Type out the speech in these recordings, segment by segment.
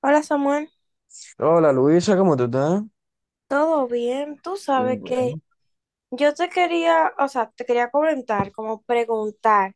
Hola Samuel, Hola Luisa, ¿cómo tú estás? ¿todo bien? Tú sabes que yo te quería, o sea, te quería comentar, como preguntar,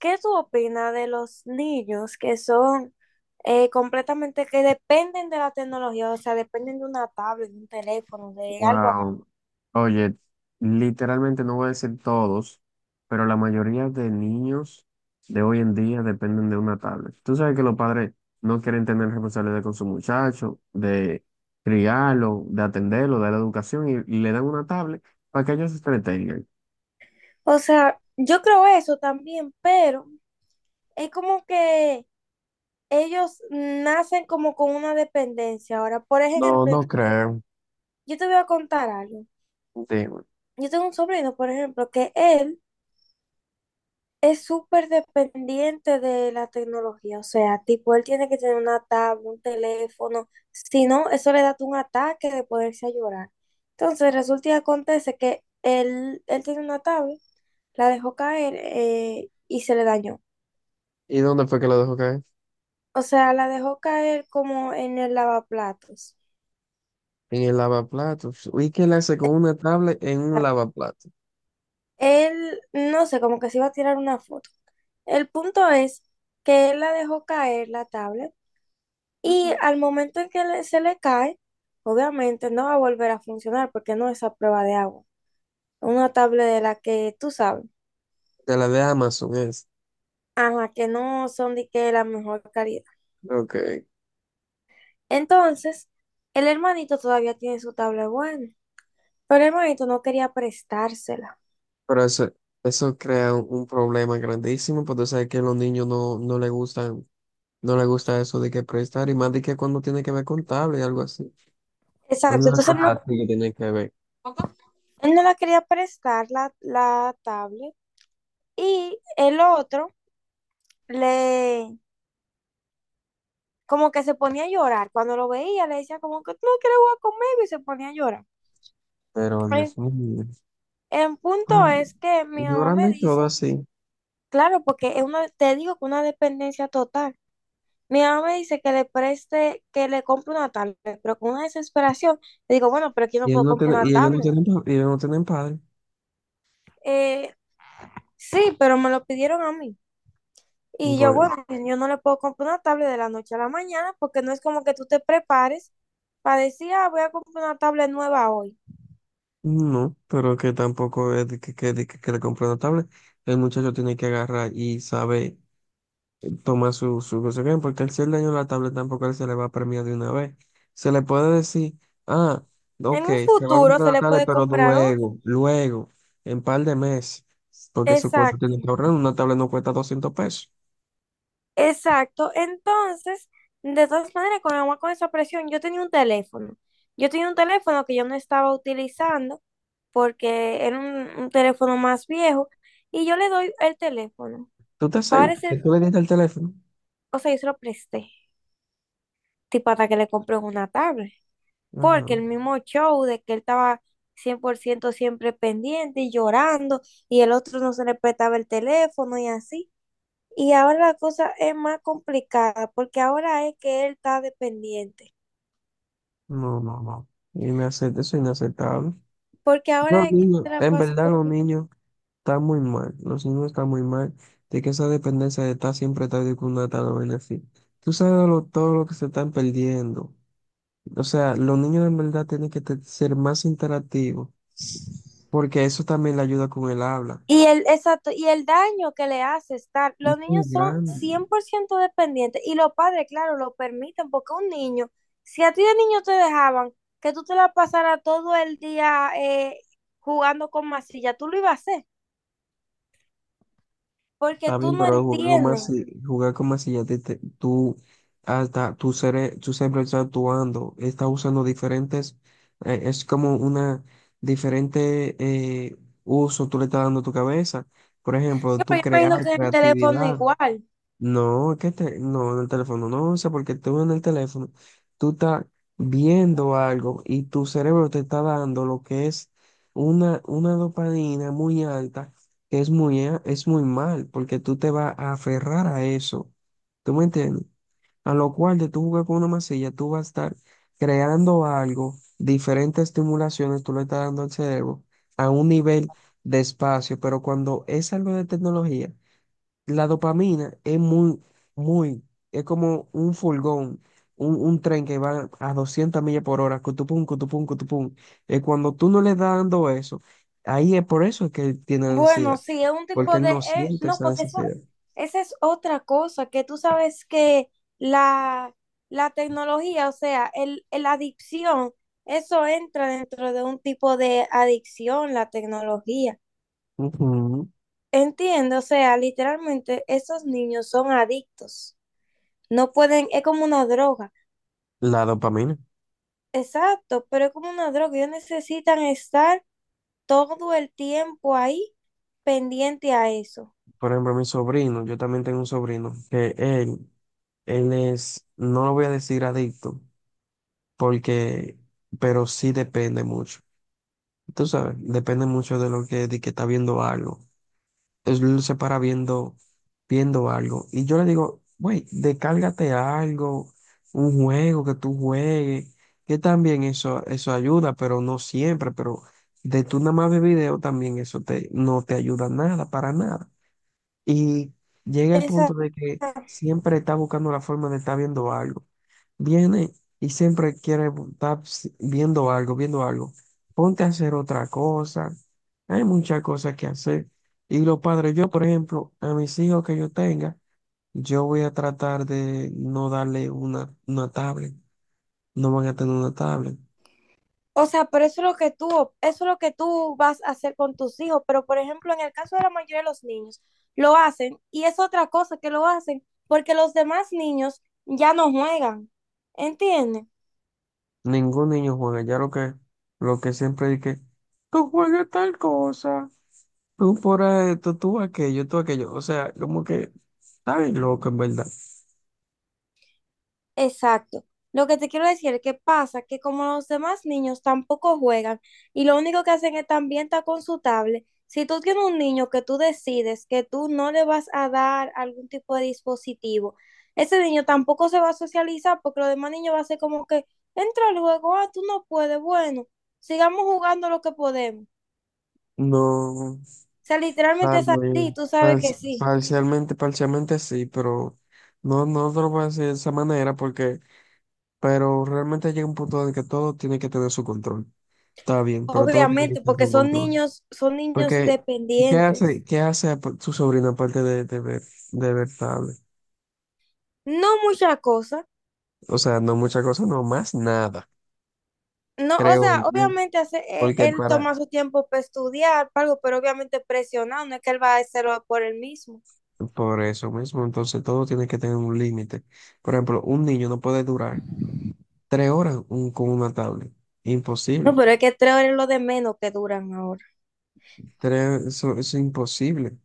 ¿qué tú opinas de los niños que son completamente, que dependen de la tecnología, o sea, dependen de una tablet, de un teléfono, de algo así? Wow. Oye, literalmente no voy a decir todos, pero la mayoría de niños de hoy en día dependen de una tablet. Tú sabes que los padres no quieren tener responsabilidad con su muchacho, de criarlo, de atenderlo, de la educación, y le dan una tablet para que ellos se entretengan. O sea, yo creo eso también, pero es como que ellos nacen como con una dependencia. Ahora, por No, ejemplo, no creo. yo te voy a contar algo. Dime. Yo tengo un sobrino, por ejemplo, que él... Es súper dependiente de la tecnología, o sea, tipo, él tiene que tener una tablet, un teléfono, si no, eso le da un ataque de poderse a llorar. Entonces, resulta y acontece que él tiene una tablet, la dejó caer y se le dañó. ¿Y dónde fue que lo dejó caer? O sea, la dejó caer como en el lavaplatos. En el lavaplatos. ¿Y qué le hace con una tablet en un lavaplatos? Él, no sé, como que se iba a tirar una foto. El punto es que él la dejó caer, la tablet, y Ujú. al momento en que le- se le cae, obviamente no va a volver a funcionar porque no es a prueba de agua. Una tablet de la que tú sabes, De la de Amazon es. a la que no son de que la mejor calidad. Ok. Entonces, el hermanito todavía tiene su tablet buena, pero el hermanito no quería prestársela. Pero eso crea un problema grandísimo, porque tú sabes que a los niños no, no les gustan, no les gusta eso de que prestar, y más de que cuando tiene que ver con tablet y algo así. Exacto, Alguna entonces cosa no- así que tiene que ver. él no la quería prestar la, la tablet y el otro le, como que se ponía a llorar. Cuando lo veía le decía como que no, que le voy a comer y se ponía a llorar. Pero Dios mío. El punto Mm, es que mi mamá llorando me y todo dice, así. claro, porque es una, te digo que una dependencia total. Mi mamá me dice que le preste, que le compre una tablet, pero con una desesperación le digo, bueno, pero aquí no Y él puedo no comprar tiene, una y ellos no tablet. tienen, y ellos no tienen padre. Eh, sí, pero me lo pidieron a mí. Y yo, Bueno, bueno, yo no le puedo comprar una tablet de la noche a la mañana porque no es como que tú te prepares para decir, ah, voy a comprar una tablet nueva hoy. no, pero que tampoco es de que le compró una tablet. El muchacho tiene que agarrar y saber. Toma su, su consecuencia, porque al ser daño a la tablet tampoco a él se le va a premiar de una vez. Se le puede decir, ah, En ok, un se va a futuro comprar se la le tablet, puede pero comprar otra. luego, luego, en par de meses, porque su cuarto Exacto. tiene que ahorrar, una tablet no cuesta 200 pesos. Exacto. Entonces, de todas maneras, con agua con esa presión, yo tenía un teléfono. Yo tenía un teléfono que yo no estaba utilizando porque era un teléfono más viejo y yo le doy el teléfono. ¿Tú te seguro Parece, que tú le diste el teléfono? o sea, yo se lo presté, tipo hasta que le compré una tablet, Ajá. porque el mismo show de que él estaba 100% siempre pendiente y llorando y el otro no se le prestaba el teléfono y así. Y ahora la cosa es más complicada porque ahora es que él está dependiente. No, no, no. Eso es inaceptable. Porque Los ahora es que niños, se la en pasa verdad, con- los niños. Está muy mal, los niños están muy mal, de que esa dependencia de estar siempre tarde con una tal vaina así. Todo lo que se están perdiendo. O sea, los niños en verdad tienen que ser más interactivos, porque eso también le ayuda con el habla. Y el, exacto, y el daño que le hace estar, los Muy niños son grande. 100% dependientes y los padres, claro, lo permiten porque un niño, si a ti de niño te dejaban que tú te la pasaras todo el día jugando con masilla, tú lo ibas a hacer porque Está tú bien, no pero entiendes. Jugar con más si ya tú, hasta tu cerebro está actuando, está usando diferentes, es como una diferente uso tú le estás dando a tu cabeza. Por ejemplo, Yo tú me crear imagino que en el teléfono creatividad. igual. No, no, en el teléfono no, o sea porque tú en el teléfono, tú estás viendo algo y tu cerebro te está dando lo que es una dopamina muy alta, que es es muy mal, porque tú te vas a aferrar a eso. ¿Tú me entiendes? A lo cual de tú jugar con una masilla, tú vas a estar creando algo, diferentes estimulaciones tú le estás dando al cerebro a un nivel de espacio, pero cuando es algo de tecnología. La dopamina es muy, muy, es como un furgón, un tren que va a 200 millas por hora, cutupum, cutupum, cutupum. Y cuando tú no le estás dando eso, ahí es por eso que él tiene Bueno, ansiedad, sí, es un porque tipo él de... no siente no, esa porque eso, necesidad. esa es otra cosa, que tú sabes que la, la tecnología, o sea, la adicción, eso entra dentro de un tipo de adicción, la tecnología. Ujú. Entiendo, o sea, literalmente esos niños son adictos. No pueden, es como una droga. La dopamina. Exacto, pero es como una droga. Ellos necesitan estar todo el tiempo ahí pendiente a eso. Por ejemplo, mi sobrino, yo también tengo un sobrino, que él es, no lo voy a decir adicto, porque, pero sí depende mucho. Tú sabes, depende mucho de lo que, de que está viendo algo. Él se para viendo, viendo algo. Y yo le digo, güey, descárgate algo, un juego que tú juegues, que también eso ayuda, pero no siempre, pero de tú nada más ver video también no te ayuda nada, para nada. Y llega el punto Exacto. de que siempre está buscando la forma de estar viendo algo. Viene y siempre quiere bu- estar si- viendo algo, viendo algo. Ponte a hacer otra cosa. Hay muchas cosas que hacer. Y los padres, yo, por ejemplo, a mis hijos que yo tenga, yo voy a tratar de no darle una tablet. No van a tener una tablet. O sea, pero eso es lo que tú, eso es lo que tú vas a hacer con tus hijos. Pero, por ejemplo, en el caso de la mayoría de los niños, lo hacen y es otra cosa que lo hacen porque los demás niños ya no juegan. ¿Entiendes? Ningún niño juega. Ya lo que siempre dije, tú juegas tal cosa. Tú fuera esto, tú aquello, tú aquello. O sea, como que está bien loco, en verdad. Exacto. Lo que te quiero decir es que pasa que como los demás niños tampoco juegan y lo único que hacen es también estar con su tablet, si tú tienes un niño que tú decides que tú no le vas a dar algún tipo de dispositivo, ese niño tampoco se va a socializar porque los demás niños va a ser como que entra al juego, ah, tú no puedes, bueno, sigamos jugando lo que podemos. No, O sea, literalmente tal es vez, así, tú sabes que sí, parcialmente, parcialmente sí, pero no, no te lo voy a decir de esa manera porque, pero realmente llega un punto en el que todo tiene que tener su control. Está bien, pero todo tiene que obviamente, tener porque su control. Son niños Porque, dependientes. ¿Qué hace tu sobrina aparte de ver tablet? No mucha cosa. O sea, no muchas cosas, no más nada, No, o creo sea, yo. obviamente hace, e- Porque él para, toma su tiempo para estudiar, para algo, pero obviamente presionado, no es que él va a hacerlo por él mismo. Por eso mismo, entonces todo tiene que tener un límite. Por ejemplo, un niño no puede durar 3 horas con una tablet. No, Imposible. pero es que 3 horas es lo de menos que duran ahora. Eso es imposible.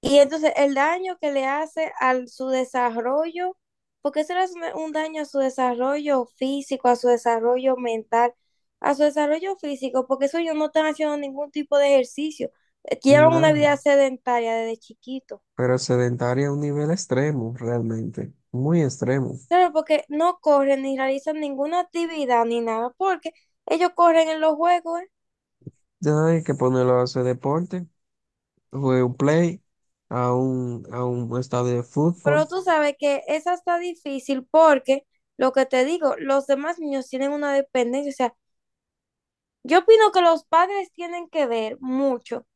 Y entonces el daño que le hace a su desarrollo, porque eso es un daño a su desarrollo físico, a su desarrollo mental, a su desarrollo físico, porque eso ellos no están haciendo ningún tipo de ejercicio. Llevan una Nada. vida sedentaria desde chiquito. Pero sedentaria a un nivel extremo, realmente. Muy extremo. Claro, porque no corren ni realizan ninguna actividad ni nada, porque ellos corren en los juegos, ¿eh? Ya no hay que ponerlo a hacer deporte, jugar un play, a un estadio de fútbol. Pero tú sabes que esa está difícil porque, lo que te digo, los demás niños tienen una dependencia. O sea, yo opino que los padres tienen que ver mucho,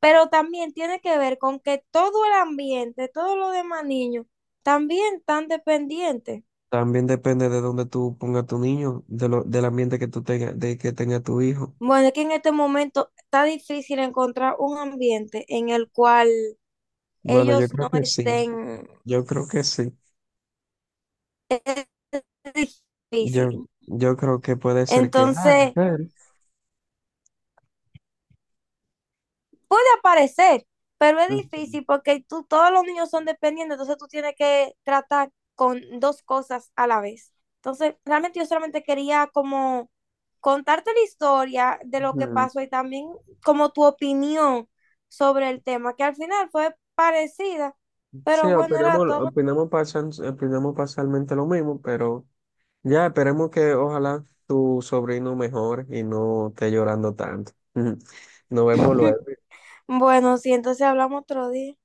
pero también tiene que ver con que todo el ambiente, todos los demás niños, también están dependientes. También depende de dónde tú pongas tu niño, del ambiente que tú tengas, de que tenga tu hijo. Bueno, es que en este momento está difícil encontrar un ambiente en el cual Bueno, yo ellos creo no que sí. estén Yo creo que sí. Yo, difícil. yo creo que puede ser que... Ah, Entonces, claro. puede aparecer, pero es Ujú, difícil porque tú, todos los niños son dependientes, entonces tú tienes que tratar con dos cosas a la vez. Entonces, realmente yo solamente quería como contarte la historia de lo que ujú. pasó y también como tu opinión sobre el tema, que al final fue parecida, Sí, pero bueno, era opinamos, todo. Opinamos parcialmente lo mismo, pero ya esperemos que ojalá tu sobrino mejore y no esté llorando tanto. Nos vemos luego. Bueno, sí, entonces hablamos otro día.